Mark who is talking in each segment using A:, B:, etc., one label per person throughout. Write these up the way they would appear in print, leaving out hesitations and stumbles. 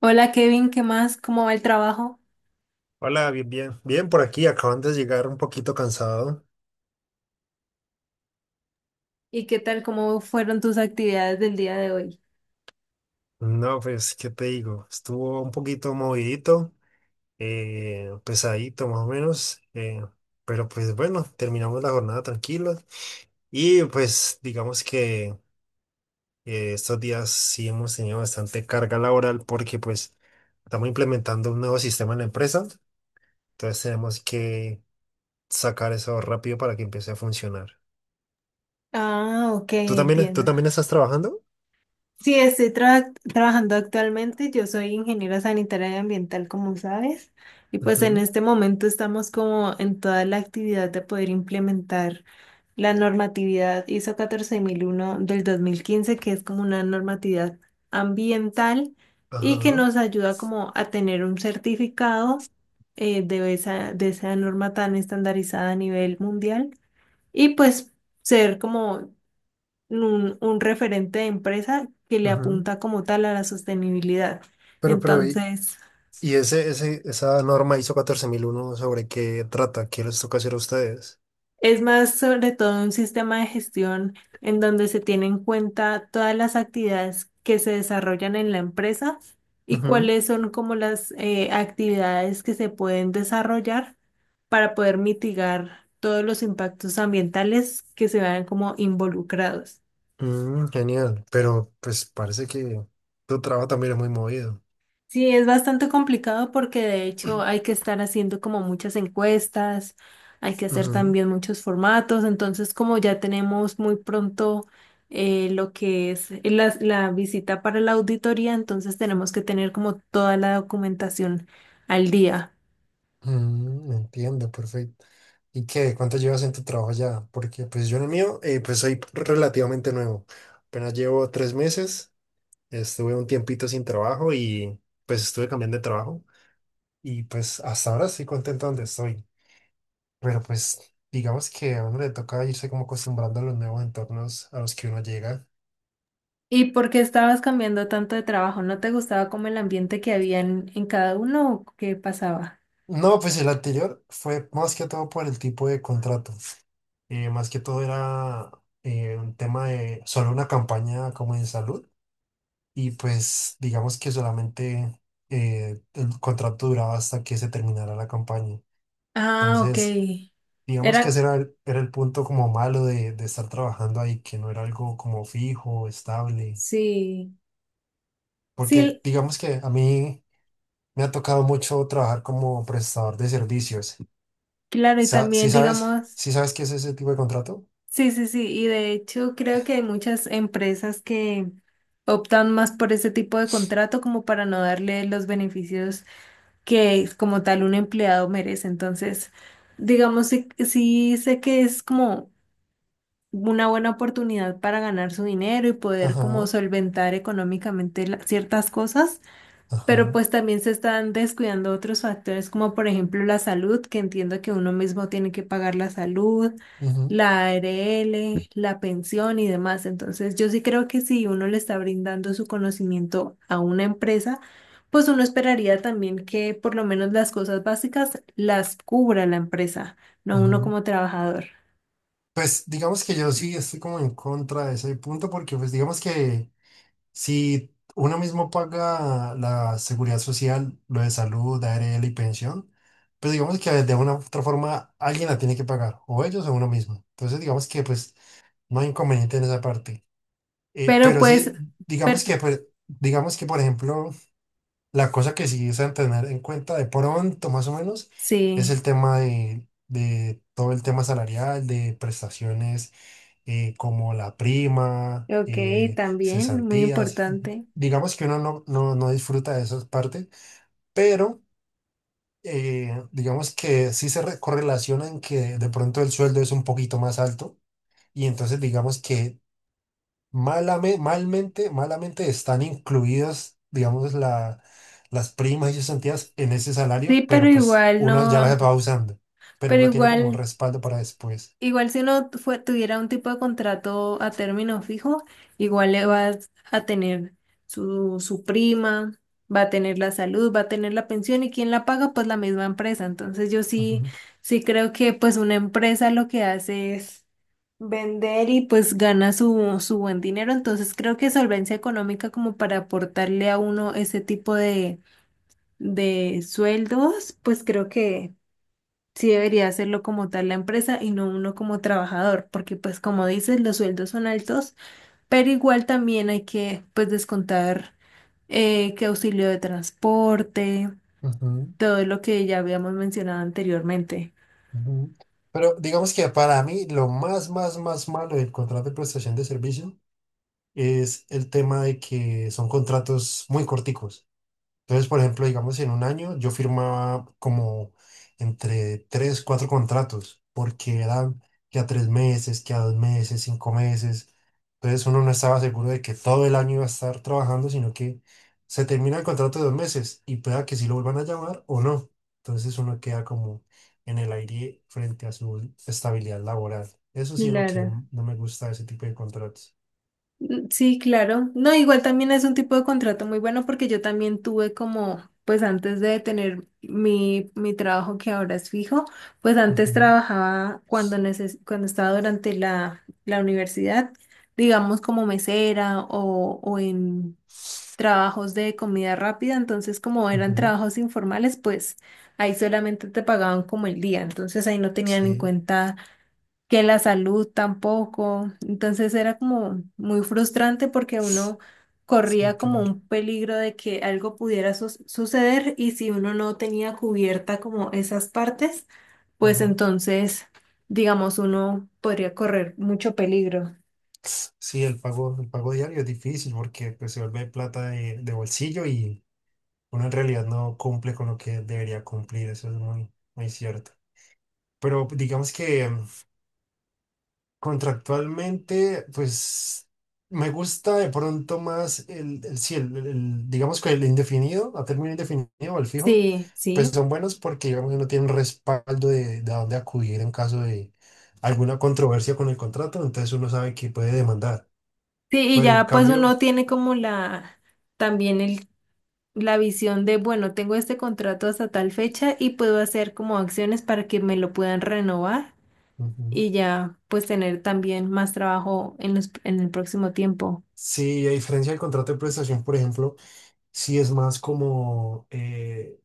A: Hola Kevin, ¿qué más? ¿Cómo va el trabajo?
B: Hola, bien, bien, bien por aquí, acaban de llegar un poquito cansado.
A: ¿Y qué tal? ¿Cómo fueron tus actividades del día de hoy?
B: No, pues, ¿qué te digo? Estuvo un poquito movidito, pesadito más o menos, pero pues bueno, terminamos la jornada tranquilos y pues digamos que estos días sí hemos tenido bastante carga laboral porque pues estamos implementando un nuevo sistema en la empresa, entonces tenemos que sacar eso rápido para que empiece a funcionar.
A: Ah, ok,
B: ¿Tú también, tú
A: entiendo.
B: también estás trabajando?
A: Sí, estoy trabajando actualmente. Yo soy ingeniera sanitaria y ambiental, como sabes. Y pues en
B: Ujú.
A: este momento estamos como en toda la actividad de poder implementar la normatividad ISO 14001 del 2015, que es como una normatividad ambiental y que
B: Ajá.
A: nos ayuda como a tener un certificado, de esa norma tan estandarizada a nivel mundial, y pues ser como un referente de empresa que le
B: Ujú.
A: apunta como tal a la sostenibilidad.
B: Pero, pero, y,
A: Entonces,
B: esa norma ISO 14001, ¿sobre qué trata? ¿Qué les toca hacer a ustedes?
A: es más sobre todo un sistema de gestión en donde se tiene en cuenta todas las actividades que se desarrollan en la empresa, y
B: Ujú.
A: cuáles son como las actividades que se pueden desarrollar para poder mitigar todos los impactos ambientales que se vean como involucrados.
B: Mm, genial. Pero, pues, parece que tu trabajo también es muy movido.
A: Sí, es bastante complicado porque de hecho hay que estar haciendo como muchas encuestas, hay que hacer
B: Ujú.
A: también muchos formatos, entonces como ya tenemos muy pronto lo que es la, la visita para la auditoría, entonces tenemos que tener como toda la documentación al día.
B: Mm, entiendo, perfecto. ¿Y qué? ¿Cuánto llevas en tu trabajo ya? Porque, pues, yo en el mío, pues, soy relativamente nuevo. Apenas llevo 3 meses. Estuve un tiempito sin trabajo y, pues, estuve cambiando de trabajo. Y, pues, hasta ahora estoy contento donde estoy. Pero pues digamos que a uno le toca irse como acostumbrando a los nuevos entornos a los que uno llega.
A: ¿Y por qué estabas cambiando tanto de trabajo? ¿No te gustaba como el ambiente que había en cada uno o qué pasaba?
B: No, pues el anterior fue más que todo por el tipo de contrato. Más que todo era un tema de solo una campaña como en salud. Y pues digamos que solamente el contrato duraba hasta que se terminara la campaña.
A: Ah, ok.
B: Entonces, digamos que
A: Era,
B: ese era el punto como malo de estar trabajando ahí, que no era algo como fijo, estable.
A: sí,
B: Porque
A: sí,
B: digamos que a mí... Me ha tocado mucho trabajar como prestador de servicios.
A: claro, y
B: ¿Sí
A: también
B: sabes?
A: digamos...
B: ¿Sí sabes qué es ese tipo de contrato?
A: Sí, sí, sí, y de hecho creo que hay muchas empresas que optan más por ese tipo de contrato como para no darle los beneficios que como tal un empleado merece. Entonces, digamos, sí, sí sé que es como una buena oportunidad para ganar su dinero y poder como
B: Ajá,
A: solventar económicamente ciertas cosas, pero
B: ajá,
A: pues también se están descuidando otros factores, como por ejemplo la salud, que entiendo que uno mismo tiene que pagar la salud,
B: ujú,
A: la ARL, la pensión y demás. Entonces, yo sí creo que si uno le está brindando su conocimiento a una empresa, pues uno esperaría también que por lo menos las cosas básicas las cubra la empresa, no uno
B: ujú.
A: como trabajador.
B: Pues digamos que yo sí estoy como en contra de ese punto porque pues digamos que si uno mismo paga la seguridad social, lo de salud, ARL y pensión, pues digamos que de una u otra forma alguien la tiene que pagar, o ellos o uno mismo. Entonces digamos que pues no hay inconveniente en esa parte.
A: Pero
B: Pero
A: pues,
B: sí, digamos que
A: per-
B: pues, digamos que por ejemplo, la cosa que sí es a tener en cuenta de pronto, más o menos, es el
A: sí,
B: tema de todo el tema salarial, de prestaciones, como la prima,
A: ok, también, muy
B: cesantías.
A: importante.
B: Digamos que uno no, no, no disfruta de esas partes, pero digamos que sí se correlaciona en que de pronto el sueldo es un poquito más alto y entonces digamos que malamente están incluidas, digamos, las primas y cesantías en ese
A: Sí,
B: salario,
A: pero
B: pero pues
A: igual
B: uno ya
A: no,
B: las va usando, pero
A: pero
B: no tiene como un
A: igual.
B: respaldo para después.
A: Igual si uno tuviera un tipo de contrato a término fijo, igual le vas a tener su, su prima, va a tener la salud, va a tener la pensión y quién la paga, pues la misma empresa. Entonces yo sí,
B: Ujú,
A: sí creo que pues una empresa lo que hace es vender y pues gana su, su buen dinero. Entonces creo que solvencia económica como para aportarle a uno ese tipo de sueldos, pues creo que sí debería hacerlo como tal la empresa y no uno como trabajador, porque pues como dices, los sueldos son altos, pero igual también hay que pues descontar que auxilio de transporte,
B: ujú,
A: todo lo que ya habíamos mencionado anteriormente.
B: ujú. Pero digamos que para mí lo más, más, más malo del contrato de prestación de servicio es el tema de que son contratos muy corticos. Entonces, por ejemplo, digamos, en un año yo firmaba como entre tres, cuatro contratos, porque eran que a 3 meses, que a 2 meses, 5 meses. Entonces uno no estaba seguro de que todo el año iba a estar trabajando, sino que se termina el contrato de 2 meses y pueda que sí lo vuelvan a llamar o no. Entonces uno queda como en el aire frente a su estabilidad laboral. Eso sí es lo que
A: Claro.
B: no me gusta de ese tipo de contratos.
A: Mm, sí, claro. No, igual también es un tipo de contrato muy bueno porque yo también tuve como, pues antes de tener mi, mi trabajo que ahora es fijo, pues antes
B: Ujú,
A: trabajaba cuando neces cuando estaba durante la, la universidad, digamos como mesera o en trabajos de comida rápida, entonces como eran
B: ujú,
A: trabajos informales, pues ahí solamente te pagaban como el día, entonces ahí no tenían en
B: sí,
A: cuenta que la salud tampoco. Entonces era como muy frustrante porque uno
B: sí,
A: corría como
B: claro,
A: un peligro de que algo pudiera suceder y si uno no tenía cubierta como esas partes, pues
B: ajá.
A: entonces, digamos, uno podría correr mucho peligro.
B: Sí, el pago diario es difícil porque pues, se vuelve plata de bolsillo y uno en realidad no cumple con lo que debería cumplir, eso es muy, muy cierto. Pero digamos que, contractualmente, pues me gusta de pronto más sí, digamos que el indefinido, a término indefinido o el fijo,
A: Sí,
B: pues
A: sí.
B: son buenos porque digamos que uno tiene un respaldo de a dónde acudir en caso de alguna controversia con el contrato, entonces uno sabe que puede demandar.
A: Sí, y
B: Pero en
A: ya pues
B: cambio...
A: uno tiene como la, también el, la visión de, bueno, tengo este contrato hasta tal fecha y puedo hacer como acciones para que me lo puedan renovar,
B: Ujú.
A: y ya pues tener también más trabajo en los, en el próximo tiempo.
B: Sí, a diferencia del contrato de prestación, por ejemplo, sí es más como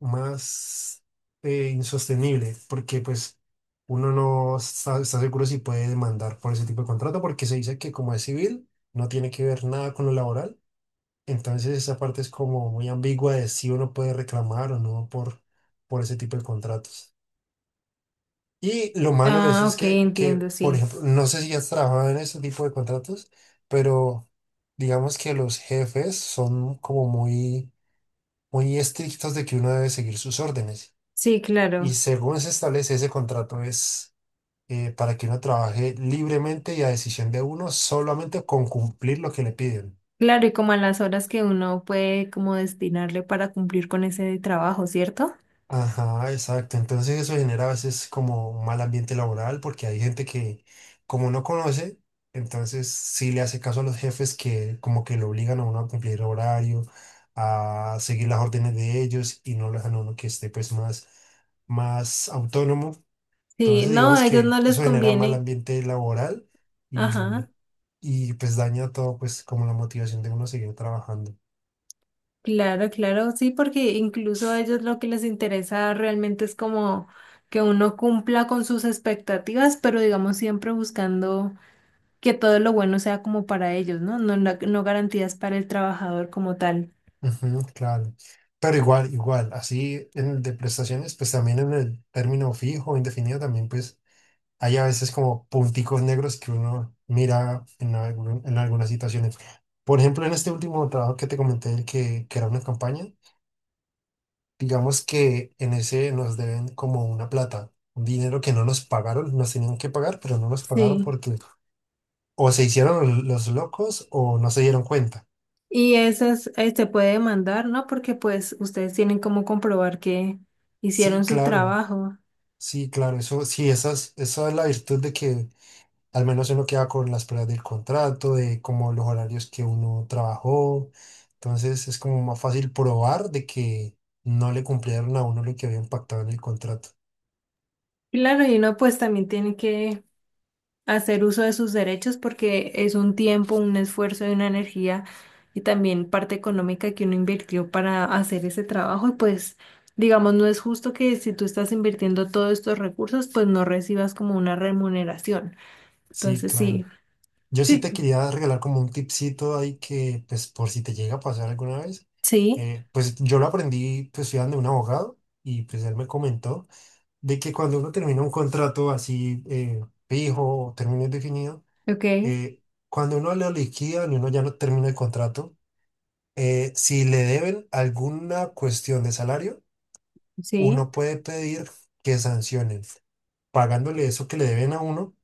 B: más insostenible, porque pues uno no está seguro si puede demandar por ese tipo de contrato, porque se dice que como es civil, no tiene que ver nada con lo laboral. Entonces esa parte es como muy ambigua de si uno puede reclamar o no por ese tipo de contratos. Y lo malo de eso
A: Ah,
B: es
A: ok, entiendo,
B: por
A: sí.
B: ejemplo, no sé si has trabajado en este tipo de contratos, pero digamos que los jefes son como muy, muy estrictos de que uno debe seguir sus órdenes.
A: Sí,
B: Y
A: claro.
B: según se establece ese contrato es para que uno trabaje libremente y a decisión de uno, solamente con cumplir lo que le piden.
A: Claro, y como a las horas que uno puede como destinarle para cumplir con ese trabajo, ¿cierto?
B: Ajá, exacto. Entonces eso genera a veces como un mal ambiente laboral porque hay gente que como no conoce, entonces sí le hace caso a los jefes que como que lo obligan a uno a cumplir horario, a seguir las órdenes de ellos y no lo dejan a uno que esté pues más, más autónomo.
A: Sí,
B: Entonces
A: no,
B: digamos
A: a ellos
B: que
A: no les
B: eso genera mal
A: conviene.
B: ambiente laboral
A: Ajá,
B: y, y pues daña todo pues como la motivación de uno a seguir trabajando.
A: claro, claro, sí, porque incluso a ellos lo que les interesa realmente es como que uno cumpla con sus expectativas, pero digamos siempre buscando que todo lo bueno sea como para ellos, ¿no? No, no, no garantías para el trabajador como tal.
B: Ujú, claro. Pero igual, igual, así en el de prestaciones, pues también en el término fijo, indefinido, también pues hay a veces como punticos negros que uno mira en algunas situaciones. Por ejemplo, en este último trabajo que te comenté, el que era una campaña, digamos que en ese nos deben como una plata, un dinero que no nos pagaron, nos tenían que pagar, pero no nos pagaron
A: Sí.
B: porque o se hicieron los locos o no se dieron cuenta.
A: Y esas, se puede demandar, ¿no? Porque pues ustedes tienen como comprobar que
B: Sí,
A: hicieron su
B: claro.
A: trabajo.
B: Sí, claro, eso sí, esa es la virtud de que al menos uno queda con las pruebas del contrato, de como los horarios que uno trabajó, entonces es como más fácil probar de que no le cumplieron a uno lo que había impactado en el contrato.
A: Claro, y uno pues también tiene que hacer uso de sus derechos porque es un tiempo, un esfuerzo y una energía y también parte económica que uno invirtió para hacer ese trabajo y pues digamos no es justo que si tú estás invirtiendo todos estos recursos pues no recibas como una remuneración.
B: Sí,
A: Entonces
B: claro.
A: sí,
B: Yo sí
A: sí,
B: te quería regalar como un tipcito ahí que, pues, por si te llega a pasar alguna vez.
A: sí,
B: Pues yo lo aprendí, pues, estudiando de un abogado, y pues él me comentó de que cuando uno termina un contrato así, fijo o término indefinido,
A: ok,
B: eh, cuando uno lo liquida y uno ya no termina el contrato, si le deben alguna cuestión de salario,
A: sí,
B: uno puede pedir que sancionen, pagándole eso que le deben a uno,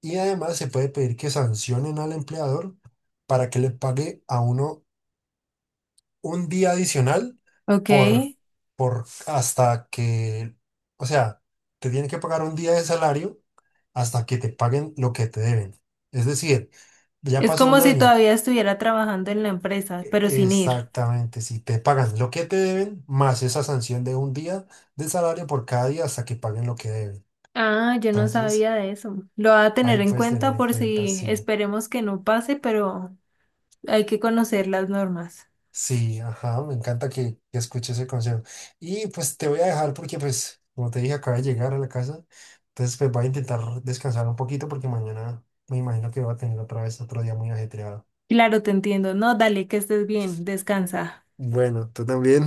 B: y además se puede pedir que sancionen al empleador para que le pague a uno un día adicional
A: ok.
B: por, por hasta que, o sea, te tienen que pagar un día de salario hasta que te paguen lo que te deben. Es decir, ya
A: Es
B: pasó un
A: como si
B: año.
A: todavía estuviera trabajando en la empresa, pero sin ir.
B: Exactamente, si te pagan lo que te deben, más esa sanción de un día de salario por cada día hasta que paguen lo que deben.
A: Ah, yo no
B: Entonces,
A: sabía de eso. Lo voy a
B: ahí
A: tener en
B: puedes tener
A: cuenta
B: en
A: por
B: cuenta,
A: si
B: sí,
A: esperemos que no pase, pero hay que conocer las normas.
B: sí, ajá, me encanta que escuches ese consejo. Y pues te voy a dejar porque, pues, como te dije, acabo de llegar a la casa, entonces pues voy a intentar descansar un poquito porque mañana me imagino que va a tener otra vez otro día muy ajetreado.
A: Claro, te entiendo. No, dale, que estés bien, descansa.
B: Bueno, tú también.